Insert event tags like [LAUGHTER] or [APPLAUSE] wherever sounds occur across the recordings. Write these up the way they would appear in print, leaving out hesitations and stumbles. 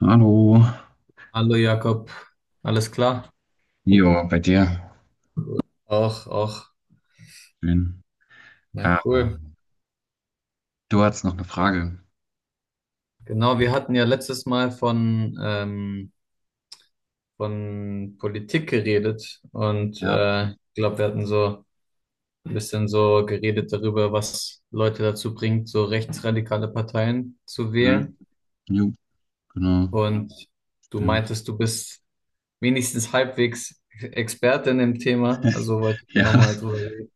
Hallo. Hallo Jakob, alles klar? Jo, bei dir. Auch, auch. Schön. Na Ah, cool. du hattest noch eine Frage. Genau, wir hatten ja letztes Mal von von Politik geredet und Ja. äh, ich glaube, wir hatten so ein bisschen so geredet darüber, was Leute dazu bringt, so rechtsradikale Parteien zu Hm. wählen. Jo, genau. Und du Stimmt. meintest, du bist wenigstens halbwegs Experte in dem Thema, also wollte ich da Ja, nochmal [LAUGHS] drüber reden.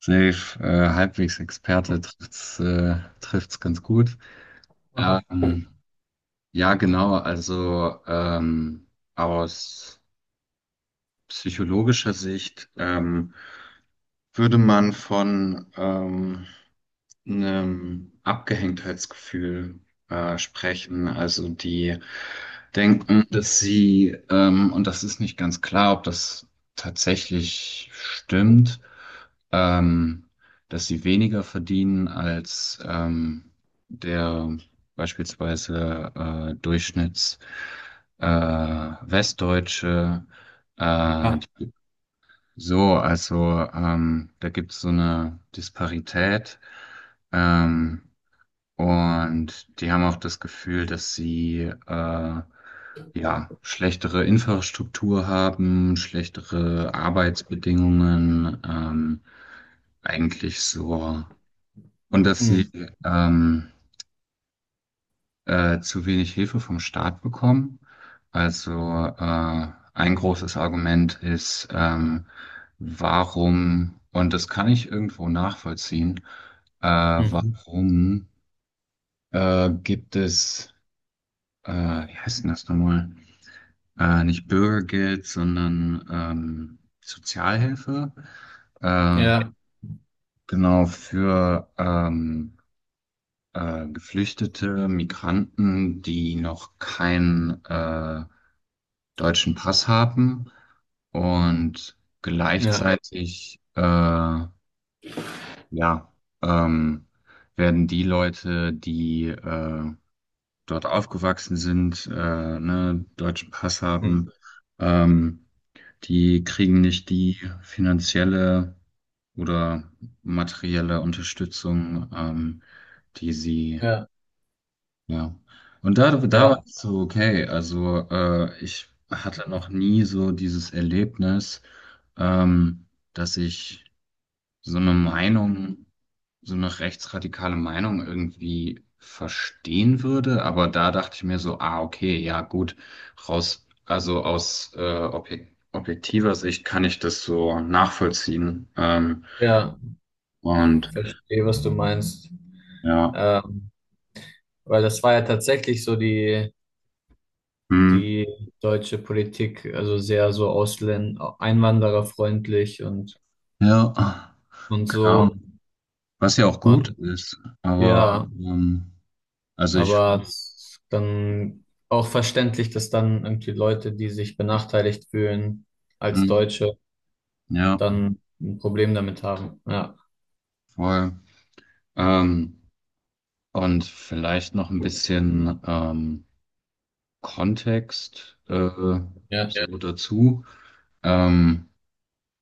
safe. Halbwegs Experte trifft's ganz gut. [LAUGHS] Ähm, ja, genau. Also aus psychologischer Sicht würde man von einem Abgehängtheitsgefühl sprechen. Also die denken, dass sie, und das ist nicht ganz klar, ob das tatsächlich stimmt, ähm, dass sie weniger verdienen als der beispielsweise Durchschnitts Westdeutsche, äh, Ja. so, also da gibt es so eine Disparität, ähm, und die haben auch das Gefühl, dass sie ja schlechtere Infrastruktur haben, schlechtere Arbeitsbedingungen, eigentlich so, und dass Hm. sie ähm, zu wenig Hilfe vom Staat bekommen. Also äh, ein großes Argument ist, warum, und das kann ich irgendwo nachvollziehen, Mhm. warum gibt es, wie heißt denn das nochmal? Nicht Bürgergeld, sondern Sozialhilfe. Äh, Ja. genau für Geflüchtete, Migranten, die noch kein deutschen Pass haben, und Ja. gleichzeitig ja, ähm, werden die Leute, die dort aufgewachsen sind, ne, deutschen Pass Hm. haben, ähm, die kriegen nicht die finanzielle oder materielle Unterstützung, die sie. Ja. Ja. Und da, da war Ja. ich so, okay, also ich hatte noch nie so dieses Erlebnis, ähm, dass ich so eine Meinung, so eine rechtsradikale Meinung irgendwie verstehen würde. Aber da dachte ich mir so, ah, okay, ja, gut, raus, also aus objektiver Sicht kann ich das so nachvollziehen. Ja, Und verstehe, was du meinst. ja, Ähm, Weil das war ja tatsächlich so hm, die deutsche Politik, also sehr so Ausländer, einwandererfreundlich ja, und genau. so. Was ja auch gut Und ist, aber ja, also ich aber finde, es ist dann auch verständlich, dass dann irgendwie Leute, die sich benachteiligt fühlen als mhm, Deutsche, ja, dann ein Problem damit haben. Ja. voll. Ähm, und vielleicht noch ein bisschen Kontext Ja. ja, so dazu. Ähm,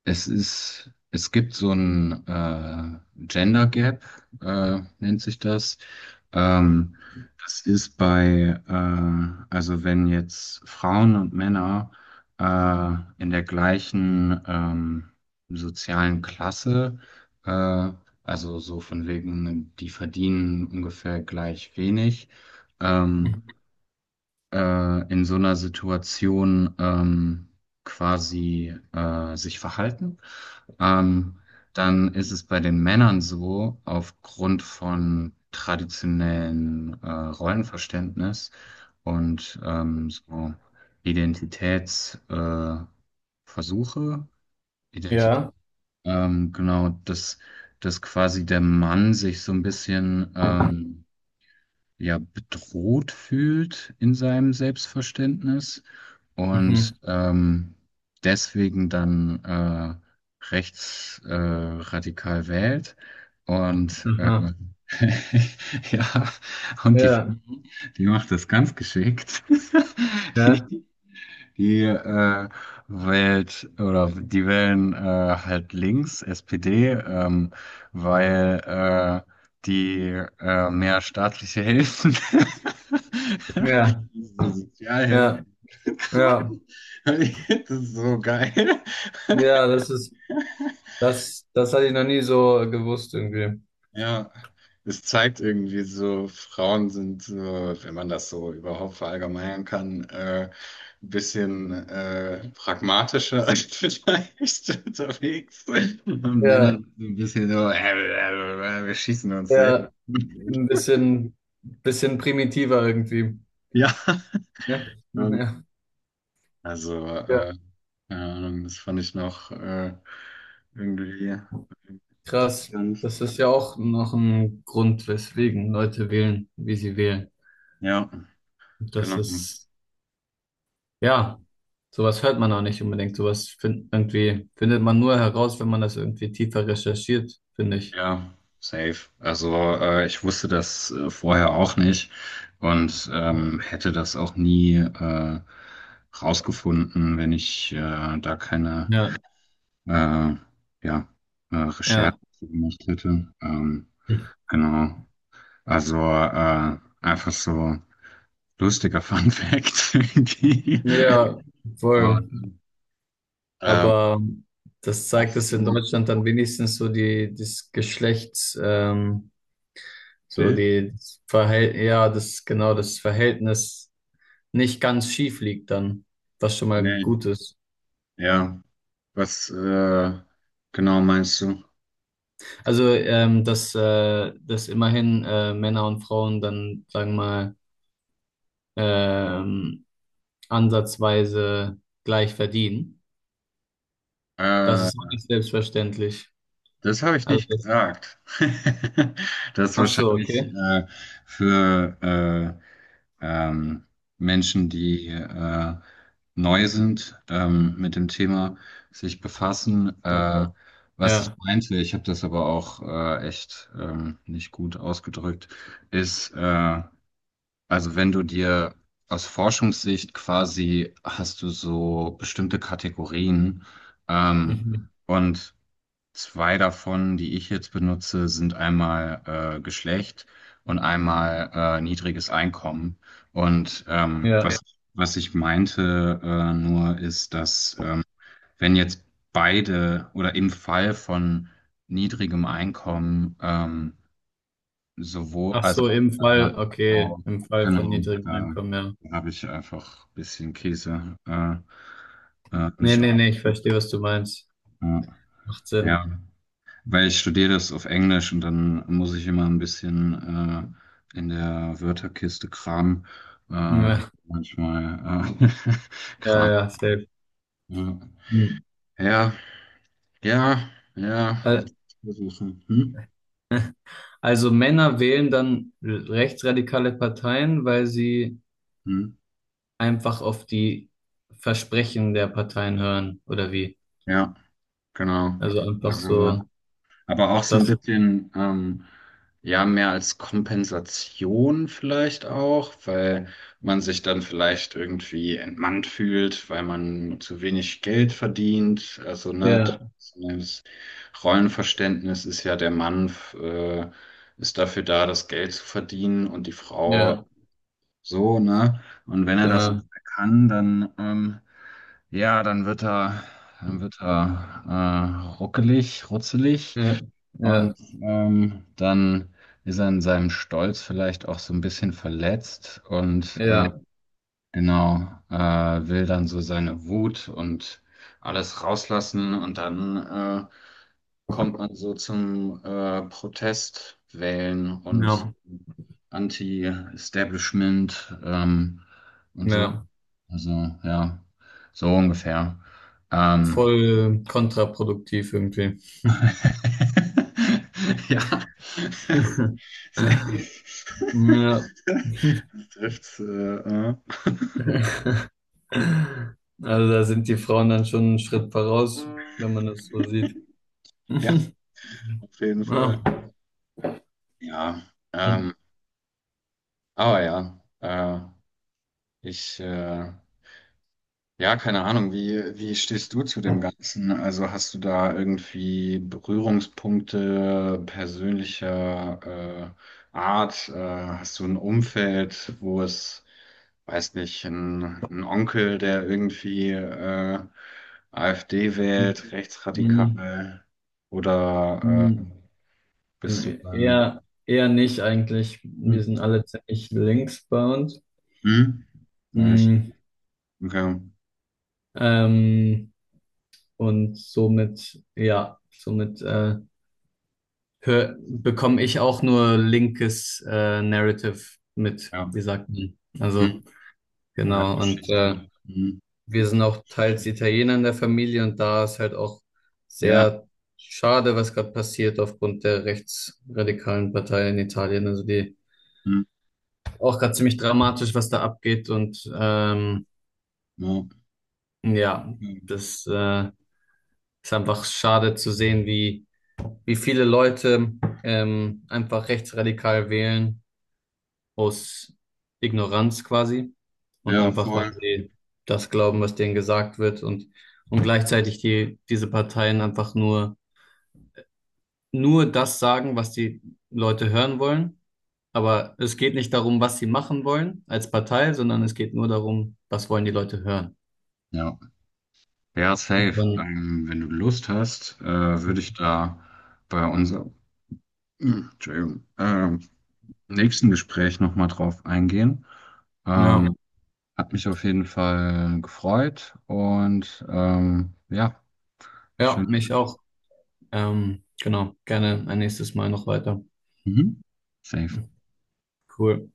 es gibt so ein Gender Gap, nennt sich das. Ähm, Das ist bei, also wenn jetzt Frauen und Männer äh, in der gleichen sozialen Klasse, äh, also so von wegen, die verdienen ungefähr gleich wenig, ähm, Mhm. In so einer Situation quasi sich verhalten. Ähm, Dann ist es bei den Männern so, aufgrund von traditionellen Rollenverständnis und so Identitätsversuche, Versuche, Identität, Ja. Genau, dass quasi der Mann sich so ein bisschen ja bedroht fühlt in seinem Selbstverständnis Mhm. und deswegen dann rechts radikal wählt. Und Aha. [LAUGHS] ja, und die Frau, Ja. die macht das ganz geschickt. [LAUGHS] Ja. Die, die äh, wählt oder die wählen halt links, SPD, weil äh, die mehr staatliche Hilfen, Ja. [LAUGHS] diese Sozialhilfen, Ja. Ja. [LAUGHS] das ist so geil. Ja, das ist das hatte ich noch nie so gewusst irgendwie. Ja, es zeigt irgendwie so, Frauen sind so, wenn man das so überhaupt verallgemeinern kann, ein bisschen pragmatischer als [LAUGHS] vielleicht unterwegs. Und Männer Ja, sind so ein bisschen so, wir schießen uns selbst. ja, [LAUGHS] ein bisschen primitiver irgendwie. Ja, Ja, und ja, also, ja. Keine Ahnung, das fand ich noch irgendwie Krass. interessant. Das ist ja auch noch ein Grund, weswegen Leute wählen, wie sie wählen. Ja, Das genau. ist, ja, sowas hört man auch nicht unbedingt. Irgendwie findet man nur heraus, wenn man das irgendwie tiefer recherchiert, finde ich. Ja, safe. Also ich wusste das vorher auch nicht, und hätte das auch nie rausgefunden, wenn ich da keine Ja, äh, ja, Recherche ja. zu gemacht hätte. Genau. Also einfach so lustiger Fun Fact [LAUGHS] irgendwie. Ja, voll. Und, ähm, Aber das zeigt, hast dass in du ein Deutschland dann wenigstens so Bild? die das Verhält ja, das genau das Verhältnis nicht ganz schief liegt dann, was schon mal Nee. gut ist. Ja. Was genau meinst du? Also dass immerhin Männer und Frauen dann sagen wir mal ähm, ansatzweise gleich verdienen, das Äh, ist auch nicht selbstverständlich. Das habe ich Also nicht gesagt. [LAUGHS] Das ist ach so, wahrscheinlich okay, für ähm, Menschen, die neu sind, mit dem Thema sich befassen. Was ich ja, meinte, ich habe das aber auch echt nicht gut ausgedrückt, ist, also wenn du dir aus Forschungssicht quasi hast du so bestimmte Kategorien, ähm, mhm. und zwei davon, die ich jetzt benutze, sind einmal Geschlecht und einmal niedriges Einkommen. Und was, Ja. was ich meinte nur ist, dass wenn jetzt beide oder im Fall von niedrigem Einkommen, sowohl, Ach also so, im Mann Fall, und okay, Frau, im Fall von genau, niedrigem da Einkommen, ja. habe ich einfach ein bisschen Käse Nee, mich auch. nee, nee, ich verstehe, was du meinst. Ja. Macht Sinn. Ja. Weil ich studiere das auf Englisch und dann muss ich immer ein bisschen in der Wörterkiste kramen. Ja, Manchmal [LAUGHS] ja, Kram. ja, safe. Ja, Hm. ja, ja, ja, Al- versuchen. Hm? Also Männer wählen dann rechtsradikale Parteien, weil sie Hm? einfach auf die Versprechen der Parteien hören, oder wie? Ja, genau. Also einfach Also, so, aber auch so ein das, bisschen, ja, mehr als Kompensation vielleicht auch, weil man sich dann vielleicht irgendwie entmannt fühlt, weil man zu wenig Geld verdient. Also, ne, ja, das Rollenverständnis ist ja, der Mann, äh, ist dafür da, das Geld zu verdienen, und die Frau ja, so, ne? Und wenn er das genau. kann, dann, ja, dann wird er ruckelig, rutzelig, Ja, und ja, dann ist er in seinem Stolz vielleicht auch so ein bisschen verletzt, und ja, genau äh, will dann so seine Wut und alles rauslassen, und dann kommt man so zum Protest wählen und ja, Anti-Establishment, und so. ja. Also, ja, so ungefähr. Ähm, Voll kontraproduktiv irgendwie. [LAUGHS] ja, [LAUGHS] safe. Ja. [LAUGHS] Das trifft's. Also da sind die Frauen dann schon einen Schritt voraus, wenn man das so sieht. Ja, [LAUGHS] auf jeden Fall. Ja. Ja, ähm, aber ja, ich ja, keine Ahnung, wie stehst du zu dem Ganzen? Also hast du da irgendwie Berührungspunkte persönlicher Art? Hast du ein Umfeld, wo es, weiß nicht, ein Onkel, der irgendwie AfD wählt, rechtsradikal? Oder bist du da? Eher, eher nicht eigentlich. Wir Hm. sind alle ziemlich links bei uns. Hm? Nice. Mm, Okay. Ähm, und somit, ja, somit bekomme ich auch nur linkes Narrative mit, Ja. wie sagt man. Also, Hm. Genau. Und Geschichte. Hm. wir sind auch teils Italiener in der Familie und da ist halt auch Ja. sehr schade, was gerade passiert aufgrund der rechtsradikalen Partei in Italien. Also die Hm. auch gerade ziemlich dramatisch, was da abgeht und Ja, ja, das ist einfach schade zu sehen, wie wie viele Leute einfach rechtsradikal wählen aus Ignoranz quasi und ja, einfach, Mhm. weil voll. sie das glauben, was denen gesagt wird und gleichzeitig diese Parteien nur das sagen, was die Leute hören wollen. Aber es geht nicht darum, was sie machen wollen als Partei, sondern es geht nur darum, was wollen die Leute hören. Ja, ja, Und safe. dann, Wenn du Lust hast, würde ich da bei unserem [CLEARS THROAT] Entschuldigung, nächsten Gespräch nochmal drauf eingehen. ja, Ähm, Hat mich auf jeden Fall gefreut, und ja, ja, schön. mich auch. Genau, gerne ein nächstes Mal noch weiter. Mhm. Safe. Cool.